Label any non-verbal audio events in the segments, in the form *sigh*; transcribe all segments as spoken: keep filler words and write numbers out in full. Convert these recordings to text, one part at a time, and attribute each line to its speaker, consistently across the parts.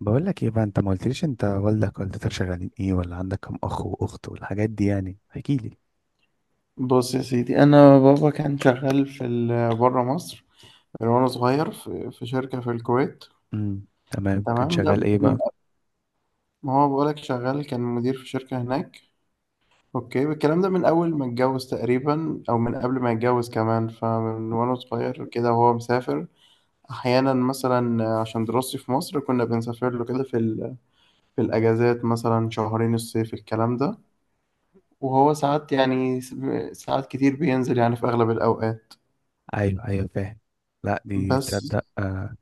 Speaker 1: بقول لك ايه بقى، انت ما قلتليش انت والدك والدتك شغالين ايه، ولا عندك كم اخ واخت والحاجات دي، يعني احكي لي.
Speaker 2: بص يا سيدي، انا بابا كان شغال في ال- بره مصر من وانا صغير في في شركه في الكويت.
Speaker 1: امم تمام، كان
Speaker 2: تمام ده
Speaker 1: شغال ايه
Speaker 2: من
Speaker 1: بقى؟
Speaker 2: ما هو بقولك شغال كان مدير في شركه هناك. اوكي الكلام ده من اول ما اتجوز تقريبا او من قبل ما يتجوز كمان، فمن وانا صغير كده وهو مسافر. احيانا مثلا عشان دراستي في مصر كنا بنسافر له كده في ال... في الاجازات مثلا شهرين الصيف الكلام ده. وهو ساعات يعني س- ساعات كتير بينزل يعني في اغلب الاوقات.
Speaker 1: ايوه، ايوه، فاهم. لا دي
Speaker 2: بس
Speaker 1: تصدق، آه.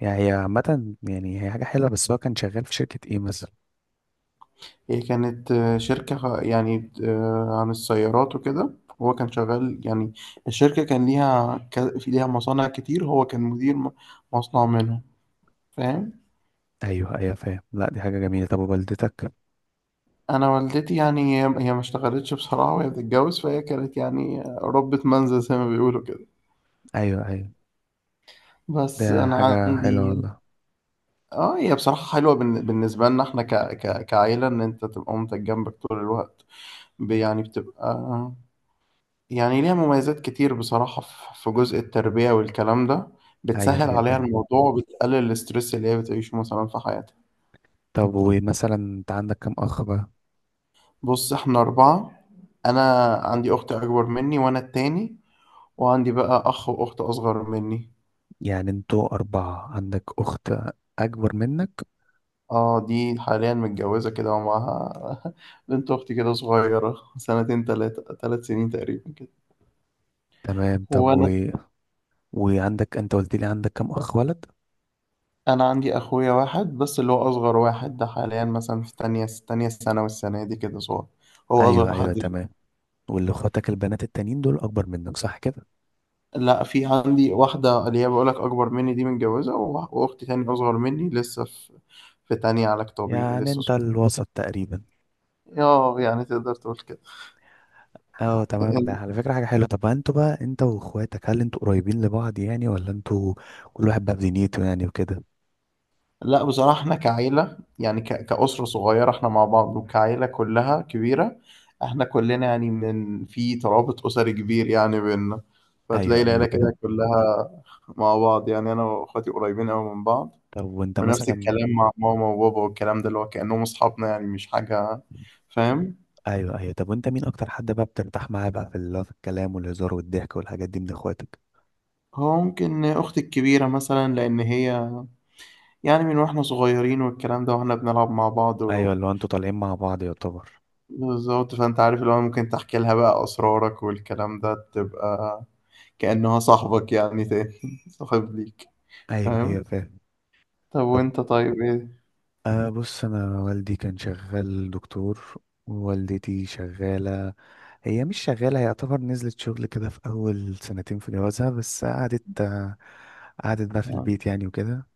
Speaker 1: يعني هي عامة، يعني هي حاجة حلوة، بس هو كان شغال في شركة ايه مثلا؟
Speaker 2: هي كانت آه، شركة خ- يعني آه، عن السيارات وكده. هو كان شغال يعني الشركة كان ليها ك- في ليها مصانع كتير، هو كان مدير م- مصنع منهم. فاهم.
Speaker 1: ايوه، ايوه، فاهم. لا دي حاجة جميلة. طب ووالدتك؟
Speaker 2: أنا والدتي يعني هي هي ما اشتغلتش بصراحة وهي بتتجوز، فهي كانت يعني ربة منزل زي ما بيقولوا كده.
Speaker 1: ايوه، ايوه،
Speaker 2: بس
Speaker 1: ده
Speaker 2: أنا
Speaker 1: حاجة حلوة
Speaker 2: عندي،
Speaker 1: والله.
Speaker 2: اه هي بصراحة حلوة بالن- بالنسبة لنا احنا ك... ك... كعيلة ان انت تبقى مامتك جنبك طول الوقت. ب- يعني بتبقى، يعني ليها مميزات كتير بصراحة في في جزء التربية والكلام ده.
Speaker 1: ايوه،
Speaker 2: بتسهل
Speaker 1: ايوه،
Speaker 2: عليها
Speaker 1: فاهم.
Speaker 2: الموضوع وبتقلل الاسترس اللي هي بتعيشه مثلا في حياتها.
Speaker 1: طب ومثلا انت عندك كم اخ بقى؟
Speaker 2: بص احنا أربعة. أنا عندي أخت أكبر مني وأنا التاني، وعندي بقى أخ وأخت أصغر مني.
Speaker 1: يعني انتوا اربعة، عندك اخت اكبر منك.
Speaker 2: اه دي حاليا متجوزة كده ومعاها *laughs* بنت أختي كده صغيرة سنتين تلاتة تلات سنين تقريبا كده.
Speaker 1: تمام. طب.
Speaker 2: وأنا،
Speaker 1: وعندك، انت قلت لي عندك كام اخ ولد؟
Speaker 2: أنا عندي أخويا واحد بس اللي هو أصغر واحد، ده حاليا مثلا في تانية تانية ثانوي السنة دي كده صغير، هو
Speaker 1: ايوه،
Speaker 2: أصغر
Speaker 1: ايوه،
Speaker 2: حد.
Speaker 1: تمام. واللي اخواتك البنات التانيين دول اكبر منك صح كده؟
Speaker 2: لا في عندي واحدة اللي هي بقولك أكبر مني دي متجوزة، وأخ- وأختي تاني أصغر مني لسه في في تانية علاج طبيعي
Speaker 1: يعني
Speaker 2: لسه
Speaker 1: انت
Speaker 2: صغيرة.
Speaker 1: الوسط تقريبا.
Speaker 2: اه يعني تقدر تقول كده.
Speaker 1: اه تمام، ده على فكرة حاجة حلوة. طب انتوا بقى، انت واخواتك، هل انتوا قريبين لبعض يعني، ولا انتوا كل واحد بقى بدنيته يعني وكده؟
Speaker 2: لا بصراحة احنا كعيلة يعني ك- كأسرة صغيرة احنا مع بعض، وكعيلة كلها كبيرة احنا كلنا يعني من في ترابط أسري كبير يعني بينا. فتلاقي
Speaker 1: ايوه، ايوه،
Speaker 2: العيلة
Speaker 1: فاهم.
Speaker 2: كده كلها مع بعض، يعني أنا وأخواتي قريبين أوي من بعض.
Speaker 1: طب وانت
Speaker 2: ونفس
Speaker 1: مثلا.
Speaker 2: الكلام مع ماما وبابا والكلام ده، اللي هو كأنهم أصحابنا يعني، مش حاجة. فاهم.
Speaker 1: ايوه، ايوه. طب وانت مين اكتر حد بقى بترتاح معاه بقى في ال- في الكلام والهزار والضحك والحاجات دي من اخواتك؟
Speaker 2: هو ممكن أختي الكبيرة مثلا، لأن هي يعني من واحنا صغيرين والكلام ده واحنا بنلعب مع بعض
Speaker 1: ايوه،
Speaker 2: و...
Speaker 1: اللي هو انتوا طالعين مع بعض يعتبر.
Speaker 2: بالظبط. فأنت عارف اللي هو ممكن تحكي لها بقى أسرارك والكلام ده، تبقى كأنها صاحبك يعني، تاني *laughs* صاحب ليك.
Speaker 1: ايوه، ايوه،
Speaker 2: فاهم؟
Speaker 1: فاهم.
Speaker 2: طب
Speaker 1: طب.
Speaker 2: وأنت طيب إيه؟
Speaker 1: أه، بص، أنا والدي كان شغال دكتور، ووالدتي شغالة. هي مش شغالة، هي يعتبر نزلت شغل كده في أول سنتين في جوازها، بس قعدت آه، قعدت بقى في
Speaker 2: تمام.
Speaker 1: البيت يعني وكده.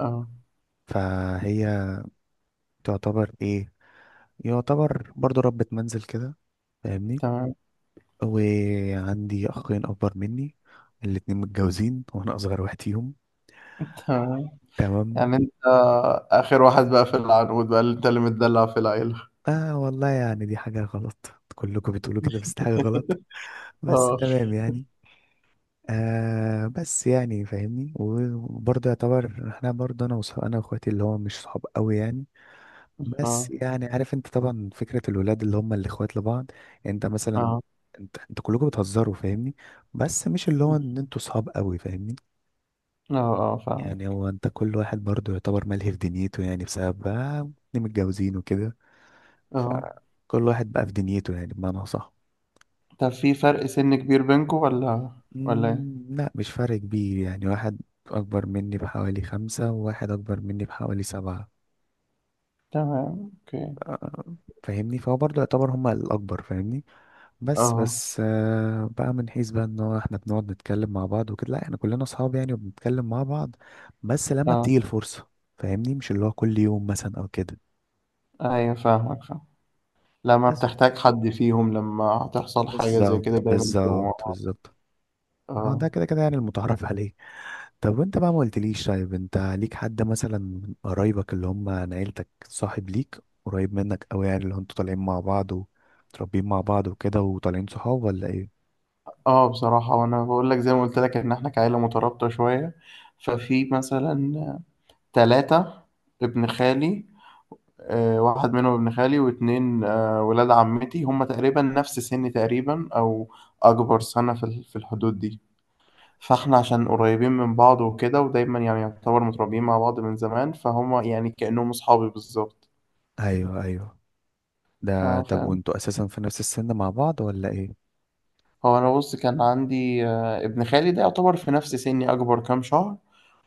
Speaker 2: أه.
Speaker 1: فهي تعتبر إيه، يعتبر برضو ربة منزل كده، فاهمني.
Speaker 2: تمام.
Speaker 1: وعندي أخين أكبر مني، الاتنين متجوزين، وأنا أصغر واحد فيهم.
Speaker 2: تمام.
Speaker 1: تمام.
Speaker 2: يعني أنت آخر واحد بقى في العنقود بقى، اللي أنت اللي متدلع في العيلة.
Speaker 1: آه والله، يعني دي حاجة غلط، كلكم بتقولوا كده، بس دي حاجة غلط، بس
Speaker 2: أه.
Speaker 1: تمام يعني. آه بس يعني فاهمني، وبرضه يعتبر احنا برضه انا وصح... انا واخواتي اللي هو مش صحاب قوي يعني. بس
Speaker 2: أه.
Speaker 1: يعني عارف انت طبعا فكرة الولاد اللي هم الاخوات لبعض. يعني انت مثلا.
Speaker 2: أه.
Speaker 1: انت انت كلكم بتهزروا، فاهمني. بس مش اللي هو ان انتوا صحاب قوي، فاهمني.
Speaker 2: أه. أه فاهم.
Speaker 1: يعني هو انت كل واحد برضه يعتبر ملهي في دنيته يعني، بسبب بقى إن متجوزين وكده.
Speaker 2: أه.
Speaker 1: فكل واحد بقى في دنيته يعني، بمعنى صح.
Speaker 2: طب في فرق سن كبير بينكم ولا؟ ولا؟
Speaker 1: مم، لا مش فرق كبير، يعني واحد أكبر مني بحوالي خمسة، وواحد أكبر مني بحوالي سبعة.
Speaker 2: تمام اوكي.
Speaker 1: آه، فاهمني، فهو برضه يعتبر هما الأكبر، فاهمني. بس،
Speaker 2: اه.
Speaker 1: بس، آه، بقى من حيث بقى إن هو، إحنا بنقعد نتكلم مع بعض وكده، لا إحنا كلنا أصحاب يعني وبنتكلم مع بعض. بس لما
Speaker 2: اه.
Speaker 1: بتيجي الفرصة، فاهمني، مش اللي هو كل يوم مثلا أو كده.
Speaker 2: ايوه فاهمك، فاهم. لما
Speaker 1: بس،
Speaker 2: بتحتاج حد فيهم، لما هتحصل حاجة زي
Speaker 1: بالظبط،
Speaker 2: كده دايما بتبقوا مع.
Speaker 1: بالظبط، بالظبط. اه، ده
Speaker 2: اه.
Speaker 1: كده كده يعني المتعارف *laughs* عليه. طب وانت بقى ما قلتليش، طيب انت ليك حد مثلا من قرايبك اللي هم عن عيلتك صاحب ليك قريب منك قوي، يعني اللي انتوا طالعين مع بعض ومتربيين مع بعض وكده وطالعين صحاب، ولا ايه؟
Speaker 2: اه بصراحة وانا بقول لك زي ما قلت لك ان احنا كعيلة مترابطة شوية. ففي مثلا ثلاثة، ابن خالي، آه واحد منهم ابن خالي، واتنين آه ولاد عمتي، هم تقريبا نفس سني تقريبا او اكبر سنة في ال- في الحدود دي. فاحنا عشان قريبين من بعض وكده، ودايما يعني يعتبر متربيين مع بعض من زمان، فهم يعني كأنهم أصحابي بالظبط.
Speaker 1: ايوه، ايوه، ده.
Speaker 2: اه
Speaker 1: طب
Speaker 2: فاهم.
Speaker 1: وانتوا اساسا في نفس السن مع بعض ولا ايه؟
Speaker 2: هو أنا بص كان عندي آه، ابن خالي ده يعتبر في نفس سني أكبر كام شهر.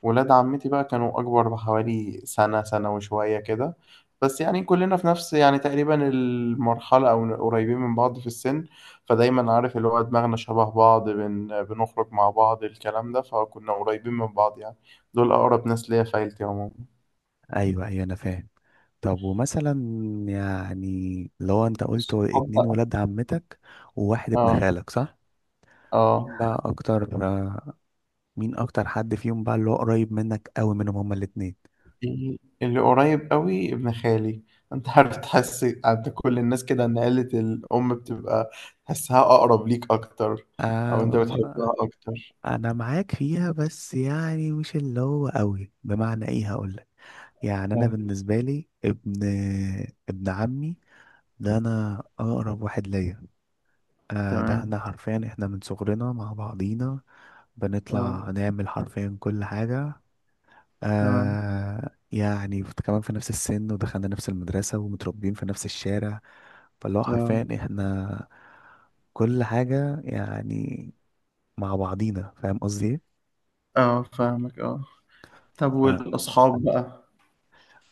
Speaker 2: ولاد عمتي بقى كانوا أكبر بحوالي سنة سنة وشوية كده. بس يعني كلنا في نفس يعني تقريبا المرحلة أو قريبين من بعض في السن. فدايما عارف اللي هو دماغنا شبه بعض، بن... بنخرج مع بعض الكلام ده، فكنا قريبين من بعض يعني. دول أقرب ناس ليا في عيلتي عموما.
Speaker 1: ايوه، ايوه، انا فاهم. طب ومثلا. يعني لو انت قلت
Speaker 2: الصحاب
Speaker 1: اتنين
Speaker 2: بقى.
Speaker 1: ولاد عمتك وواحد ابن
Speaker 2: اه.
Speaker 1: خالك، صح؟
Speaker 2: اه.
Speaker 1: مين بقى اكتر مين اكتر حد فيهم بقى اللي هو قريب منك قوي، منهم هما الاتنين؟
Speaker 2: في اللي قريب قوي ابن خالي. انت عارف تحس عند كل الناس كده ان عيلة الأم بتبقى تحسها أقرب ليك أكتر، أو أنت
Speaker 1: آه،
Speaker 2: بتحبها أكتر.
Speaker 1: انا معاك فيها، بس يعني مش اللي هو قوي، بمعنى ايه هقولك. يعني انا
Speaker 2: طيب.
Speaker 1: بالنسبه لي ابن ابن عمي، ده انا اقرب واحد ليا. آه ده،
Speaker 2: تمام.
Speaker 1: احنا حرفيا احنا من صغرنا مع بعضينا.
Speaker 2: اه.
Speaker 1: بنطلع نعمل حرفيا كل حاجه.
Speaker 2: تمام.
Speaker 1: آه يعني فت- كمان في نفس السن، ودخلنا نفس المدرسة، ومتربيين في نفس الشارع. فاللي هو
Speaker 2: اه.
Speaker 1: حرفيا احنا كل حاجة يعني مع بعضينا، فاهم قصدي ايه؟
Speaker 2: اه فاهمك. اه. طب
Speaker 1: آه.
Speaker 2: والأصحاب بقى.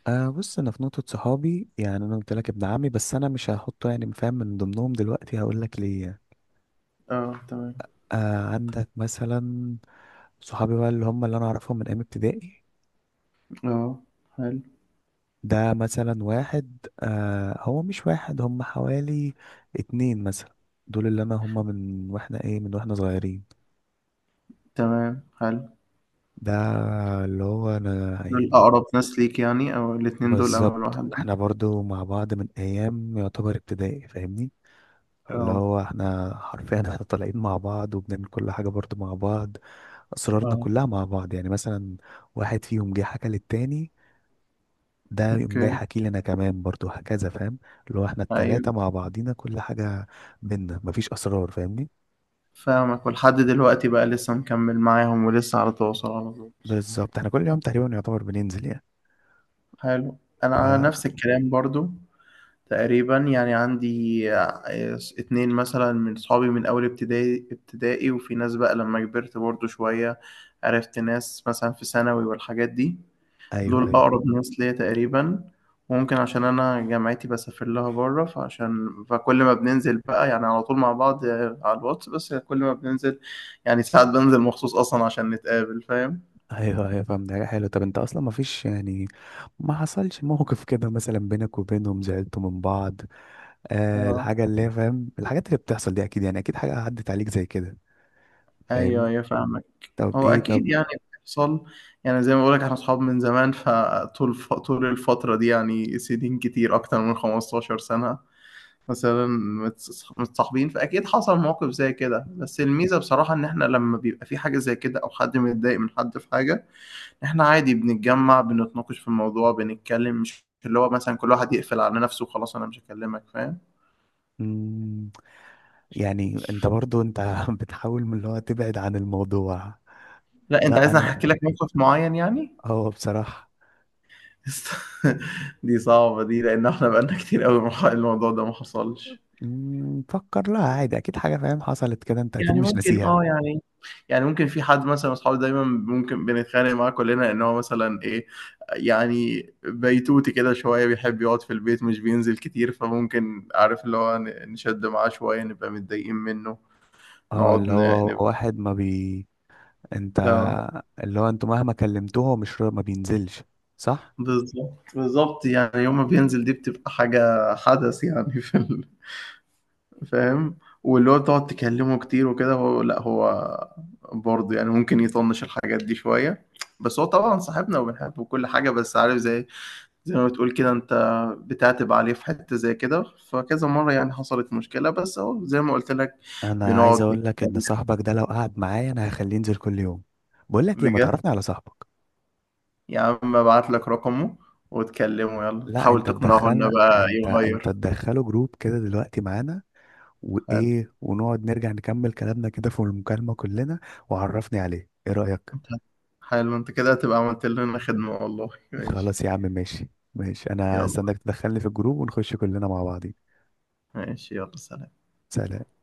Speaker 1: آه، بص انا في نقطة صحابي، يعني انا قلت لك ابن عمي بس انا مش هحطه يعني، فاهم، من ضمنهم دلوقتي، هقول لك ليه.
Speaker 2: اه. تمام.
Speaker 1: آه، عندك مثلا صحابي بقى اللي هم اللي انا اعرفهم من ايام ابتدائي.
Speaker 2: اه. حلو.
Speaker 1: ده مثلا واحد، آه هو مش واحد، هم حوالي اتنين مثلا. دول اللي انا، هم من واحنا ايه من واحنا صغيرين.
Speaker 2: تمام. حلو.
Speaker 1: ده اللي هو انا
Speaker 2: دول
Speaker 1: يعني.
Speaker 2: أقرب ناس ليك يعني، أو الاتنين دول أول
Speaker 1: بالظبط،
Speaker 2: واحد.
Speaker 1: احنا برضو مع بعض من ايام يعتبر ابتدائي، فاهمني. اللي
Speaker 2: اه.
Speaker 1: هو احنا حرفيا احنا *laughs* طالعين مع بعض، وبنعمل كل حاجة برضو مع بعض. اسرارنا
Speaker 2: اه.
Speaker 1: كلها مع بعض، يعني مثلا واحد فيهم جه حكى للتاني، ده يقوم جاي
Speaker 2: اوكي.
Speaker 1: حكي لي انا كمان برضو هكذا، فاهم. اللي هو احنا
Speaker 2: ايوه
Speaker 1: التلاتة مع بعضينا كل حاجة، بينا مفيش اسرار، فاهمني.
Speaker 2: فاهمك. ولحد دلوقتي بقى لسه مكمل معاهم ولسه على تواصل على طول.
Speaker 1: بالظبط، احنا كل يوم تقريبا يعتبر بننزل يعني
Speaker 2: حلو. انا
Speaker 1: فا
Speaker 2: نفس الكلام برضو تقريبا، يعني عندي آه، اتنين مثلا من صحابي من اول ابتدائي ابتدائي، وفي ناس بقى لما كبرت برضو شوية عرفت ناس مثلا في ثانوي والحاجات دي.
Speaker 1: ايوه،
Speaker 2: دول
Speaker 1: ايوه،
Speaker 2: أقرب ناس ليا تقريبا. وممكن عشان أنا جامعتي بسافر لها بره، فعشان فكل ما بننزل بقى يعني على طول مع بعض على الواتس، بس كل ما بننزل يعني ساعات بنزل مخصوص أصلا عشان نتقابل. فاهم؟
Speaker 1: ايوه، ايوه، فاهم. ده حلو. طب انت اصلا مفيش يعني، ما حصلش موقف كده مثلا بينك وبينهم زعلتوا من بعض؟ آه
Speaker 2: اه.
Speaker 1: الحاجة اللي هي، فاهم، الحاجات اللي بتحصل دي اكيد يعني اكيد حاجة عدت عليك زي كده،
Speaker 2: أيوه
Speaker 1: فاهمني.
Speaker 2: أيوه فاهمك.
Speaker 1: طب
Speaker 2: هو
Speaker 1: ايه،
Speaker 2: أكيد
Speaker 1: طب.
Speaker 2: يعني بيحصل. يعني زي ما بقولك احنا أصحاب من زمان، فطول ف... طول الفترة دي يعني سنين كتير أكتر من 15 سنة مثلا متص- متصاحبين، فاكيد حصل مواقف زي كده. بس الميزه بصراحه ان احنا لما بيبقى في حاجه زي كده او حد متضايق من حد في حاجه، احنا عادي بنتجمع، بنتناقش في الموضوع، بنتكلم، مش اللي هو مثلا كل واحد يقفل على نفسه وخلاص انا مش هكلمك. فاهم.
Speaker 1: مم، يعني انت برضو انت *laughs* بتحاول من اللي هو تبعد عن الموضوع.
Speaker 2: لا انت
Speaker 1: لا
Speaker 2: عايزني احكي
Speaker 1: انا،
Speaker 2: لك موقف معين يعني.
Speaker 1: هو بصراحة.
Speaker 2: *laughs* دي صعبة دي لأن احنا بقالنا كتير قوي الموضوع ده ما حصلش.
Speaker 1: مم، فكر لها عادي، اكيد حاجة فاهم حصلت كده، انت اكيد
Speaker 2: يعني
Speaker 1: مش
Speaker 2: ممكن،
Speaker 1: ناسيها.
Speaker 2: اه يعني، يعني ممكن في حد مثلا من اصحابي دايما ممكن بنتخانق معاه كلنا ان هو مثلا ايه، يعني بيتوتي كده شويه، بيحب يقعد في البيت مش بينزل كتير. فممكن عارف اللي هو ن- نشد معاه شويه، نبقى متضايقين منه،
Speaker 1: اه،
Speaker 2: نقعد
Speaker 1: اللي هو
Speaker 2: ن-
Speaker 1: هو
Speaker 2: نبقى،
Speaker 1: واحد ما بي انت
Speaker 2: اه
Speaker 1: اللي هو انتوا مهما كلمتوه، هو مش را- ما بينزلش، صح؟
Speaker 2: بالظبط بالظبط. يعني يوم ما بينزل دي بتبقى حاجه حدث يعني *laughs* في ال... فاهم. واللي هو تقعد تكلمه كتير وكده، هو لا هو برضه يعني ممكن يطنش الحاجات دي شويه. بس هو طبعا صاحبنا وبنحبه وكل حاجه، بس عارف زي زي ما بتقول كده انت، بتعتب عليه في حتة زي كده. فكذا مرة يعني حصلت مشكلة، بس اهو زي ما قلت لك
Speaker 1: انا
Speaker 2: بنقعد
Speaker 1: عايز اقول لك ان
Speaker 2: نتكلم.
Speaker 1: صاحبك ده لو قعد معايا انا هخليه ينزل كل يوم. بقول لك ايه، ما
Speaker 2: بجد.
Speaker 1: تعرفني على صاحبك.
Speaker 2: يا عم ابعت لك رقمه وتكلمه، يلا
Speaker 1: لا انت
Speaker 2: تحاول تقنعه انه
Speaker 1: تدخلنا،
Speaker 2: بقى
Speaker 1: انت انت
Speaker 2: يغير.
Speaker 1: تدخله جروب كده دلوقتي معانا.
Speaker 2: حلو.
Speaker 1: وايه، ونقعد نرجع نكمل كلامنا كده في المكالمة كلنا. وعرفني عليه، ايه رأيك؟
Speaker 2: حلو انت كده هتبقى عملت لنا خدمة والله. ماشي.
Speaker 1: خلاص يا عم، ماشي. ماشي، انا
Speaker 2: يلا.
Speaker 1: هستناك تدخلني في الجروب ونخش كلنا مع بعضين.
Speaker 2: ماشي. يلا سلام.
Speaker 1: سلام.